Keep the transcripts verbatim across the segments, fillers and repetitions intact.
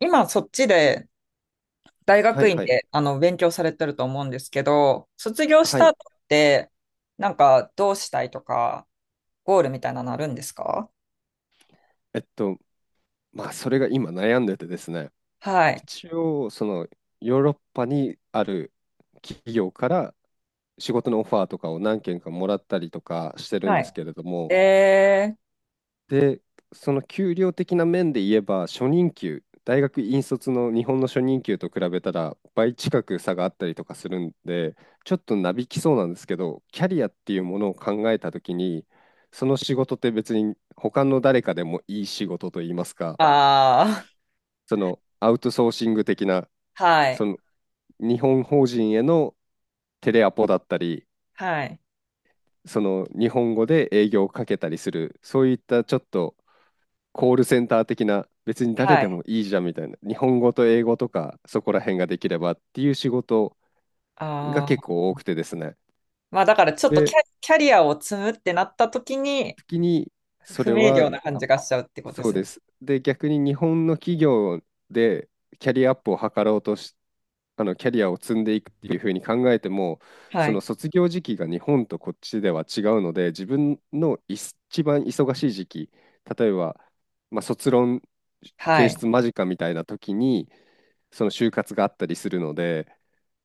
今そっちで大は学い院はい。であの勉強されてると思うんですけど、卒業しはたい。後ってなんかどうしたいとか、ゴールみたいなのあるんですか？えっと、まあ、それが今悩んでてですね、はい。一応、その、ヨーロッパにある企業から仕事のオファーとかを何件かもらったりとかしてるんはですい。けれども、えー、で、その給料的な面で言えば、初任給、大学院卒の日本の初任給と比べたら倍近く差があったりとかするんで、ちょっとなびきそうなんですけど、キャリアっていうものを考えたときに、その仕事って別に他の誰かでもいい仕事といいますか、あそのアウトソーシング的な、あ、はそい。の日本法人へのテレアポだったり、はい。その日本語で営業をかけたりする、そういったちょっとコールセンター的な、別に誰はでい。もいいじゃんみたいな、日本語と英語とか、そこら辺ができればっていう仕事があ結あ、構多くてですね。まあだからちょっとキャ、で、キャリアを積むってなった時に時に、そ不れ明は瞭な感あじがしちゃうってことでそうすね。です。で、逆に日本の企業でキャリアアップを図ろうとし、あのキャリアを積んでいくっていうふうに考えても、はそのい。卒業時期が日本とこっちでは違うので、自分の一番忙しい時期、例えば、まあ、卒論は提い。出間近みたいな時に、その就活があったりするので、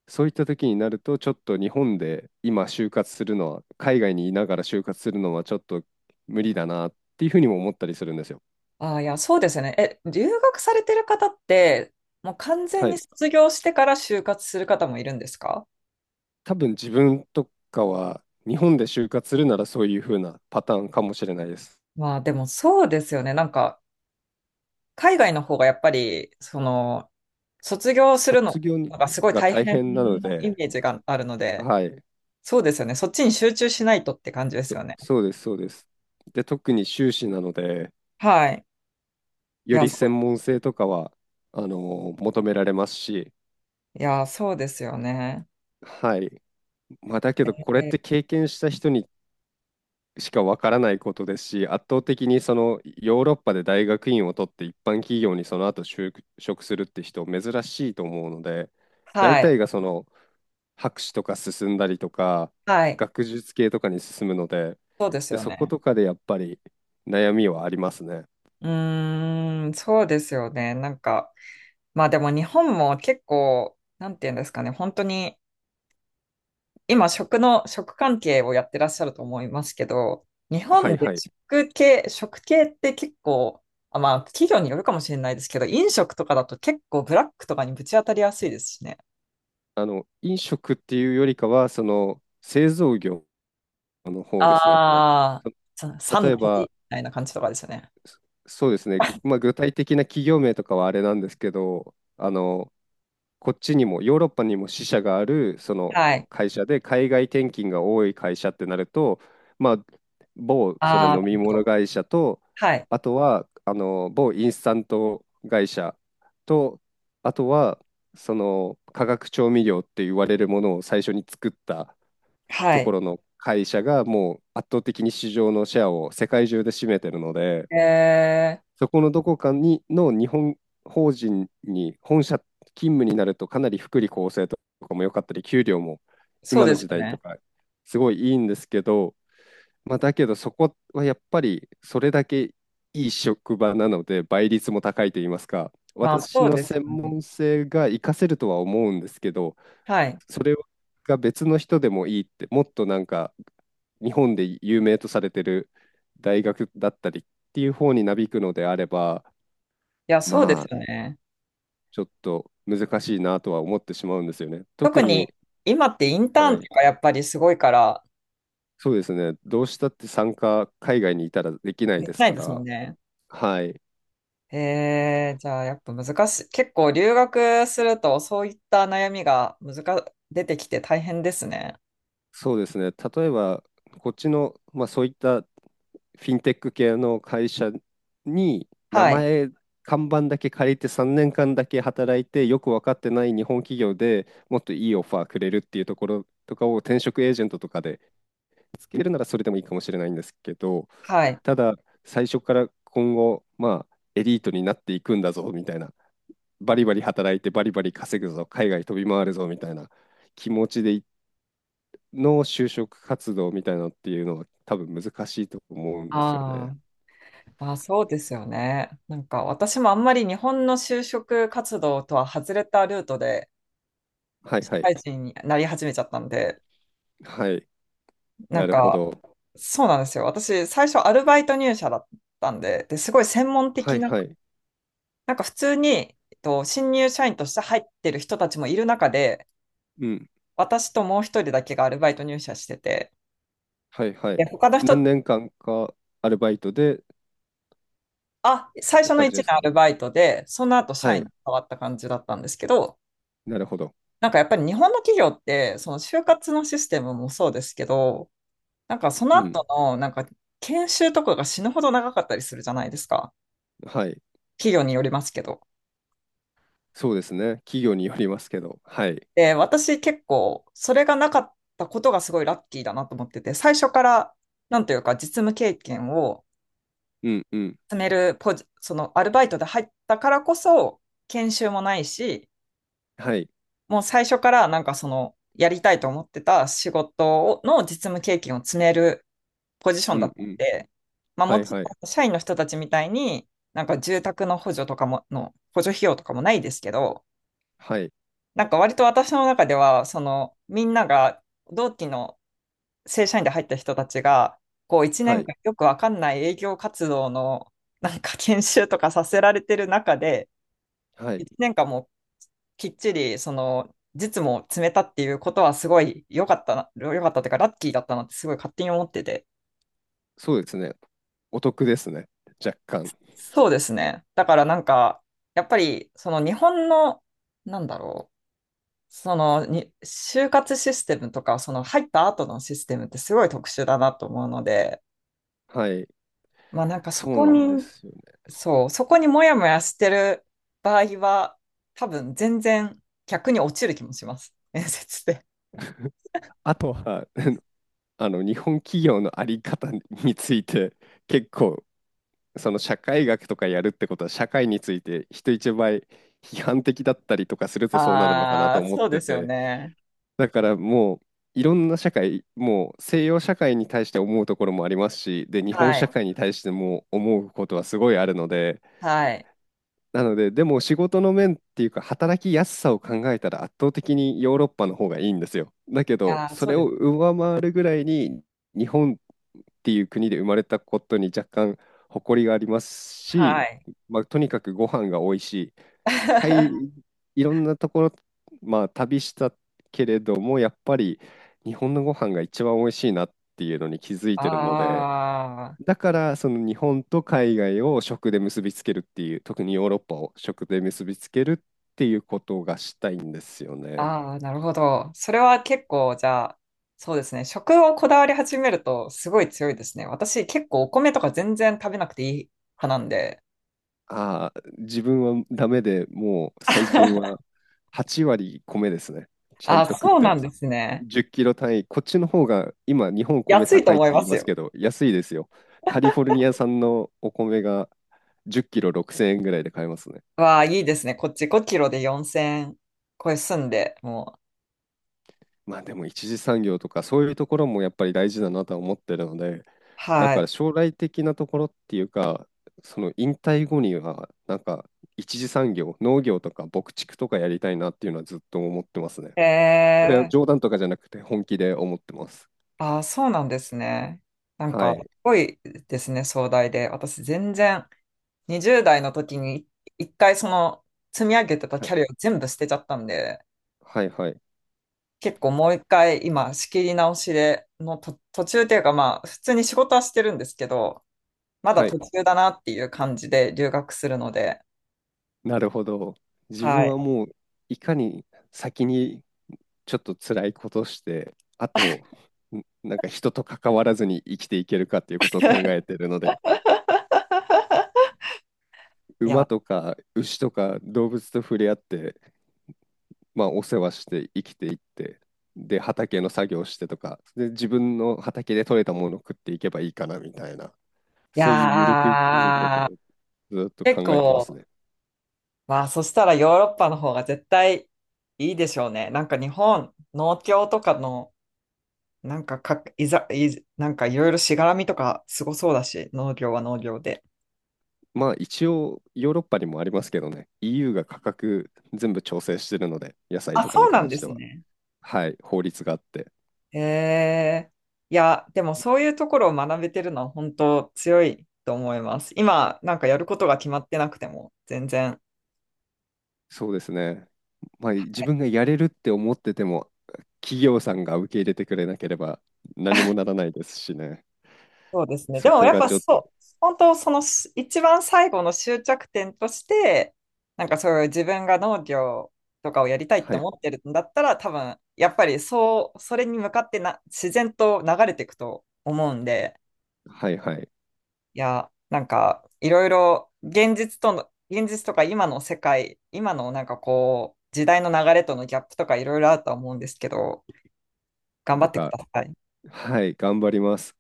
そういった時になると、ちょっと日本で今就活するのは、海外にいながら就活するのはちょっと無理だなっていうふうにも思ったりするんですよ。ああ、いや、そうですね。え、留学されてる方って、もう完全はにい。卒業してから就活する方もいるんですか？多分自分とかは日本で就活するならそういう風なパターンかもしれないです。まあでもそうですよね。なんか、海外の方がやっぱり、その、卒業する卒の業がすごいが大大変変なのなイで、メージがあるので、はい。そうですよね。そっちに集中しないとって感じですそよね。そうです、そうです。で、特に修士なので、はい。いよや、りそ専門性とかは、あの、求められますし、ういや、そうですよね。はい。まあ、だけど、これってえ、経験した人にしかわからないことですし、圧倒的にそのヨーロッパで大学院を取って一般企業にその後就職するって人珍しいと思うので、大はい。体がその博士とか進んだりとか、はい。学術系とかに進むので、そうですで、よそこね。とかでやっぱり悩みはありますね。うーん、そうですよね。なんか、まあでも日本も結構、なんていうんですかね、本当に今食の、食関係をやってらっしゃると思いますけど、日は本いではい。食系、食系って結構、あ、まあ企業によるかもしれないですけど、飲食とかだと結構ブラックとかにぶち当たりやすいですしね。あの、飲食っていうよりかは、その製造業の方ですね。ああ、そサ例ンえトリーみば、たいな感じとかですよね。そうですね、まあ、具体的な企業名とかはあれなんですけど、あの、こっちにも、ヨーロッパにも支社がある、そのはい。会社で、海外転勤が多い会社ってなると、まあ、某そのああ、飲なみるほ物ど。会社と、はい。あとは、あの、某インスタント会社と、あとは、その化学調味料って言われるものを最初に作ったはとこい。ろの会社がもう圧倒的に市場のシェアを世界中で占めてるので、えー、そこのどこかにの日本法人に本社勤務になるとかなり福利厚生とかも良かったり給料もそう今でのす時よ代とね。かすごいいいんですけど、まあ、だけどそこはやっぱりそれだけいい職場なので倍率も高いと言いますか、まあ私そうのです専よね。門性が活かせるとは思うんですけど、はい。いそれが別の人でもいいって、もっとなんか日本で有名とされてる大学だったりっていう方になびくのであれば、や、そうでますあ、よね。ちょっと難しいなとは思ってしまうんですよね。特特にに、今ってインターはンとい、かやっぱりすごいからそうですね、どうしたって参加、海外にいたらできないできですないかですもんら、ね。はい、へーじゃあやっぱ難しい。結構留学するとそういった悩みが難、出てきて大変ですね。そうですね、例えば、こっちの、まあ、そういったフィンテック系の会社に、名はい。前、看板だけ借りてさんねんかんだけ働いて、よく分かってない日本企業でもっといいオファーくれるっていうところとかを転職エージェントとかで見つけるならそれでもいいかもしれないんですけど、はい。ただ最初から今後、まあ、エリートになっていくんだぞみたいな、バリバリ働いてバリバリ稼ぐぞ、海外飛び回るぞみたいな気持ちでいの就職活動みたいなのっていうのは多分難しいと思うんですよね。ああ、まあそうですよね。なんか私もあんまり日本の就職活動とは外れたルートではい社はい。会人になり始めちゃったんで、はい。ななんるほかど。そうなんですよ。私最初アルバイト入社だったんで、で、すごい専門は的いはい。なんか普通に、えっと、新入社員として入ってる人たちもいる中で、うん。私ともう一人だけがアルバイト入社してて、はいはい。で、他の人、何年間かアルバイトでっあ、最て初の感1じです年アかルね。バイトで、その後社は員い。に変わった感じだったんですけど、なるほど。なんかやっぱり日本の企業って、その就活のシステムもそうですけど、なんかそのう後ん。の、なんか研修とかが死ぬほど長かったりするじゃないですか。はい。企業によりますけど。そうですね。企業によりますけど。はい。で、私結構、それがなかったことがすごいラッキーだなと思ってて、最初から、なんというか、実務経験をうんうん。積めるポジ、そのアルバイトで入ったからこそ、研修もないし、はい。もう最初からなんかその、やりたいと思ってた仕事をの実務経験を積めるポジショうンだんったうんん。で、まあ、はもいちはい。ろん社員の人たちみたいに、なんか住宅の補助とかも、の補助費用とかもないですけど、はい。なんか割と私の中では、そのみんなが同期の正社員で入った人たちが、こう1は年い。間よくわかんない営業活動のなんか研修とかさせられてる中で、はい。いちねんかんもきっちりその実務を詰めたっていうことはすごい良かったな、良かったっていうかラッキーだったなってすごい勝手に思ってて。そうですね。お得ですね。若干。そうですね。だからなんか、やっぱりその日本の、なんだろう、そのに就活システムとか、その入った後のシステムってすごい特殊だなと思うので、はい。まあなんかそそうこなんでにすよね。そう、そこにもやもやしてる場合は、多分全然逆に落ちる気もします。面接で。あとは、あの、日本企業のあり方について、結構、その社会学とかやるってことは、社会について人一倍批判的だったりとかするとそうなるのかなとああ、思っそうでてすよて、ね。だからもう、いろんな社会、もう西洋社会に対して思うところもありますし、で、日本は社い。会に対しても思うことはすごいあるので、はい。なので、でも仕事の面っていうか、働きやすさを考えたら圧倒的にヨーロッパの方がいいんですよ。だけど、ああ、そそうれでをす。上回るぐらいに、日本っていう国で生まれたことに若干誇りがありますはし、い。まあ、とにかくご飯が美味しい。世界 いろんなところ、まあ、旅したけれども、やっぱり日本のご飯が一番美味しいなっていうのに気づいてるので、ああ、だからその日本と海外を食で結びつけるっていう、特にヨーロッパを食で結びつけるっていうことがしたいんですよね。ああ、なるほど。それは結構、じゃあ、そうですね。食をこだわり始めるとすごい強いですね。私結構お米とか全然食べなくていい派なんで。ああ、自分はダメで、もう最近 ははち割米ですね。ちゃあんあ、と食っそうてなまんです。すね。じゅっキロ単位、こっちの方が今日本米安いと高いっ思ていま言いすますけよ。ど安いですよ。カリフォルニア産のお米がじゅっキロろくせんえんぐらいで買えますね。わあ、いいですね。こっちごキロでよんせん超え住んで、もう。まあでも一次産業とかそういうところもやっぱり大事だなとは思ってるので、だはかい。ら将来的なところっていうか、その引退後にはなんか一次産業、農業とか牧畜とかやりたいなっていうのはずっと思ってますね。えこれはー、冗談とかじゃなくて本気で思ってます。あー、そうなんですね。なんはか、すい。ごいですね、壮大で。私、全然、にじゅうだい代の時に、一回その、積み上げてたはキい。ャリアを全部捨てちゃったんで、はいはい。結構もう一回、今、仕切り直しで、のと、途中っていうか、まあ、普通に仕事はしてるんですけど、まだは途い。中だなっていう感じで留学するので、なるほど。自分はい。はもういかに先にちょっと辛いことをして、あと、んなんか人と関わらずに生きていけるかっていうことを考えてるので、い馬や、とか牛とか動物と触れ合って、まあ、お世話して生きていって、で、畑の作業してとか、で、自分の畑で採れたものを食っていけばいいかなみたいな、いそういうゆるく生きることをやずっー、と結考えてます構、ね。まあ、そしたらヨーロッパの方が絶対いいでしょうね。なんか日本、農協とかの、なんかか、いざ、いざ、なんかいろいろしがらみとかすごそうだし、農業は農業で。まあ一応ヨーロッパにもありますけどね、イーユー が価格全部調整してるので、野菜あ、とかそにうなん関でしてすは。ね。はい、法律があって。へえ。いや、でもそういうところを学べてるのは本当強いと思います。今、なんかやることが決まってなくても、全然。そうですね。まあ、自分がやれるって思ってても、企業さんが受け入れてくれなければ何もならないですしね。そうですね。でそもこやっがぱちょっと、そう、本当そのし一番最後の終着点として、なんかそういう自分が農業とかをやりたいっはてい、思ってるんだったら、多分やっぱりそう、それに向かってな自然と流れていくと思うんで、はい、はい。いや、なんかいろいろ現実との、現実とか今の世界、今のなんかこう、時代の流れとのギャップとかいろいろあるとは思うんですけど、頑張なっんてくか、ださい。はい、頑張ります。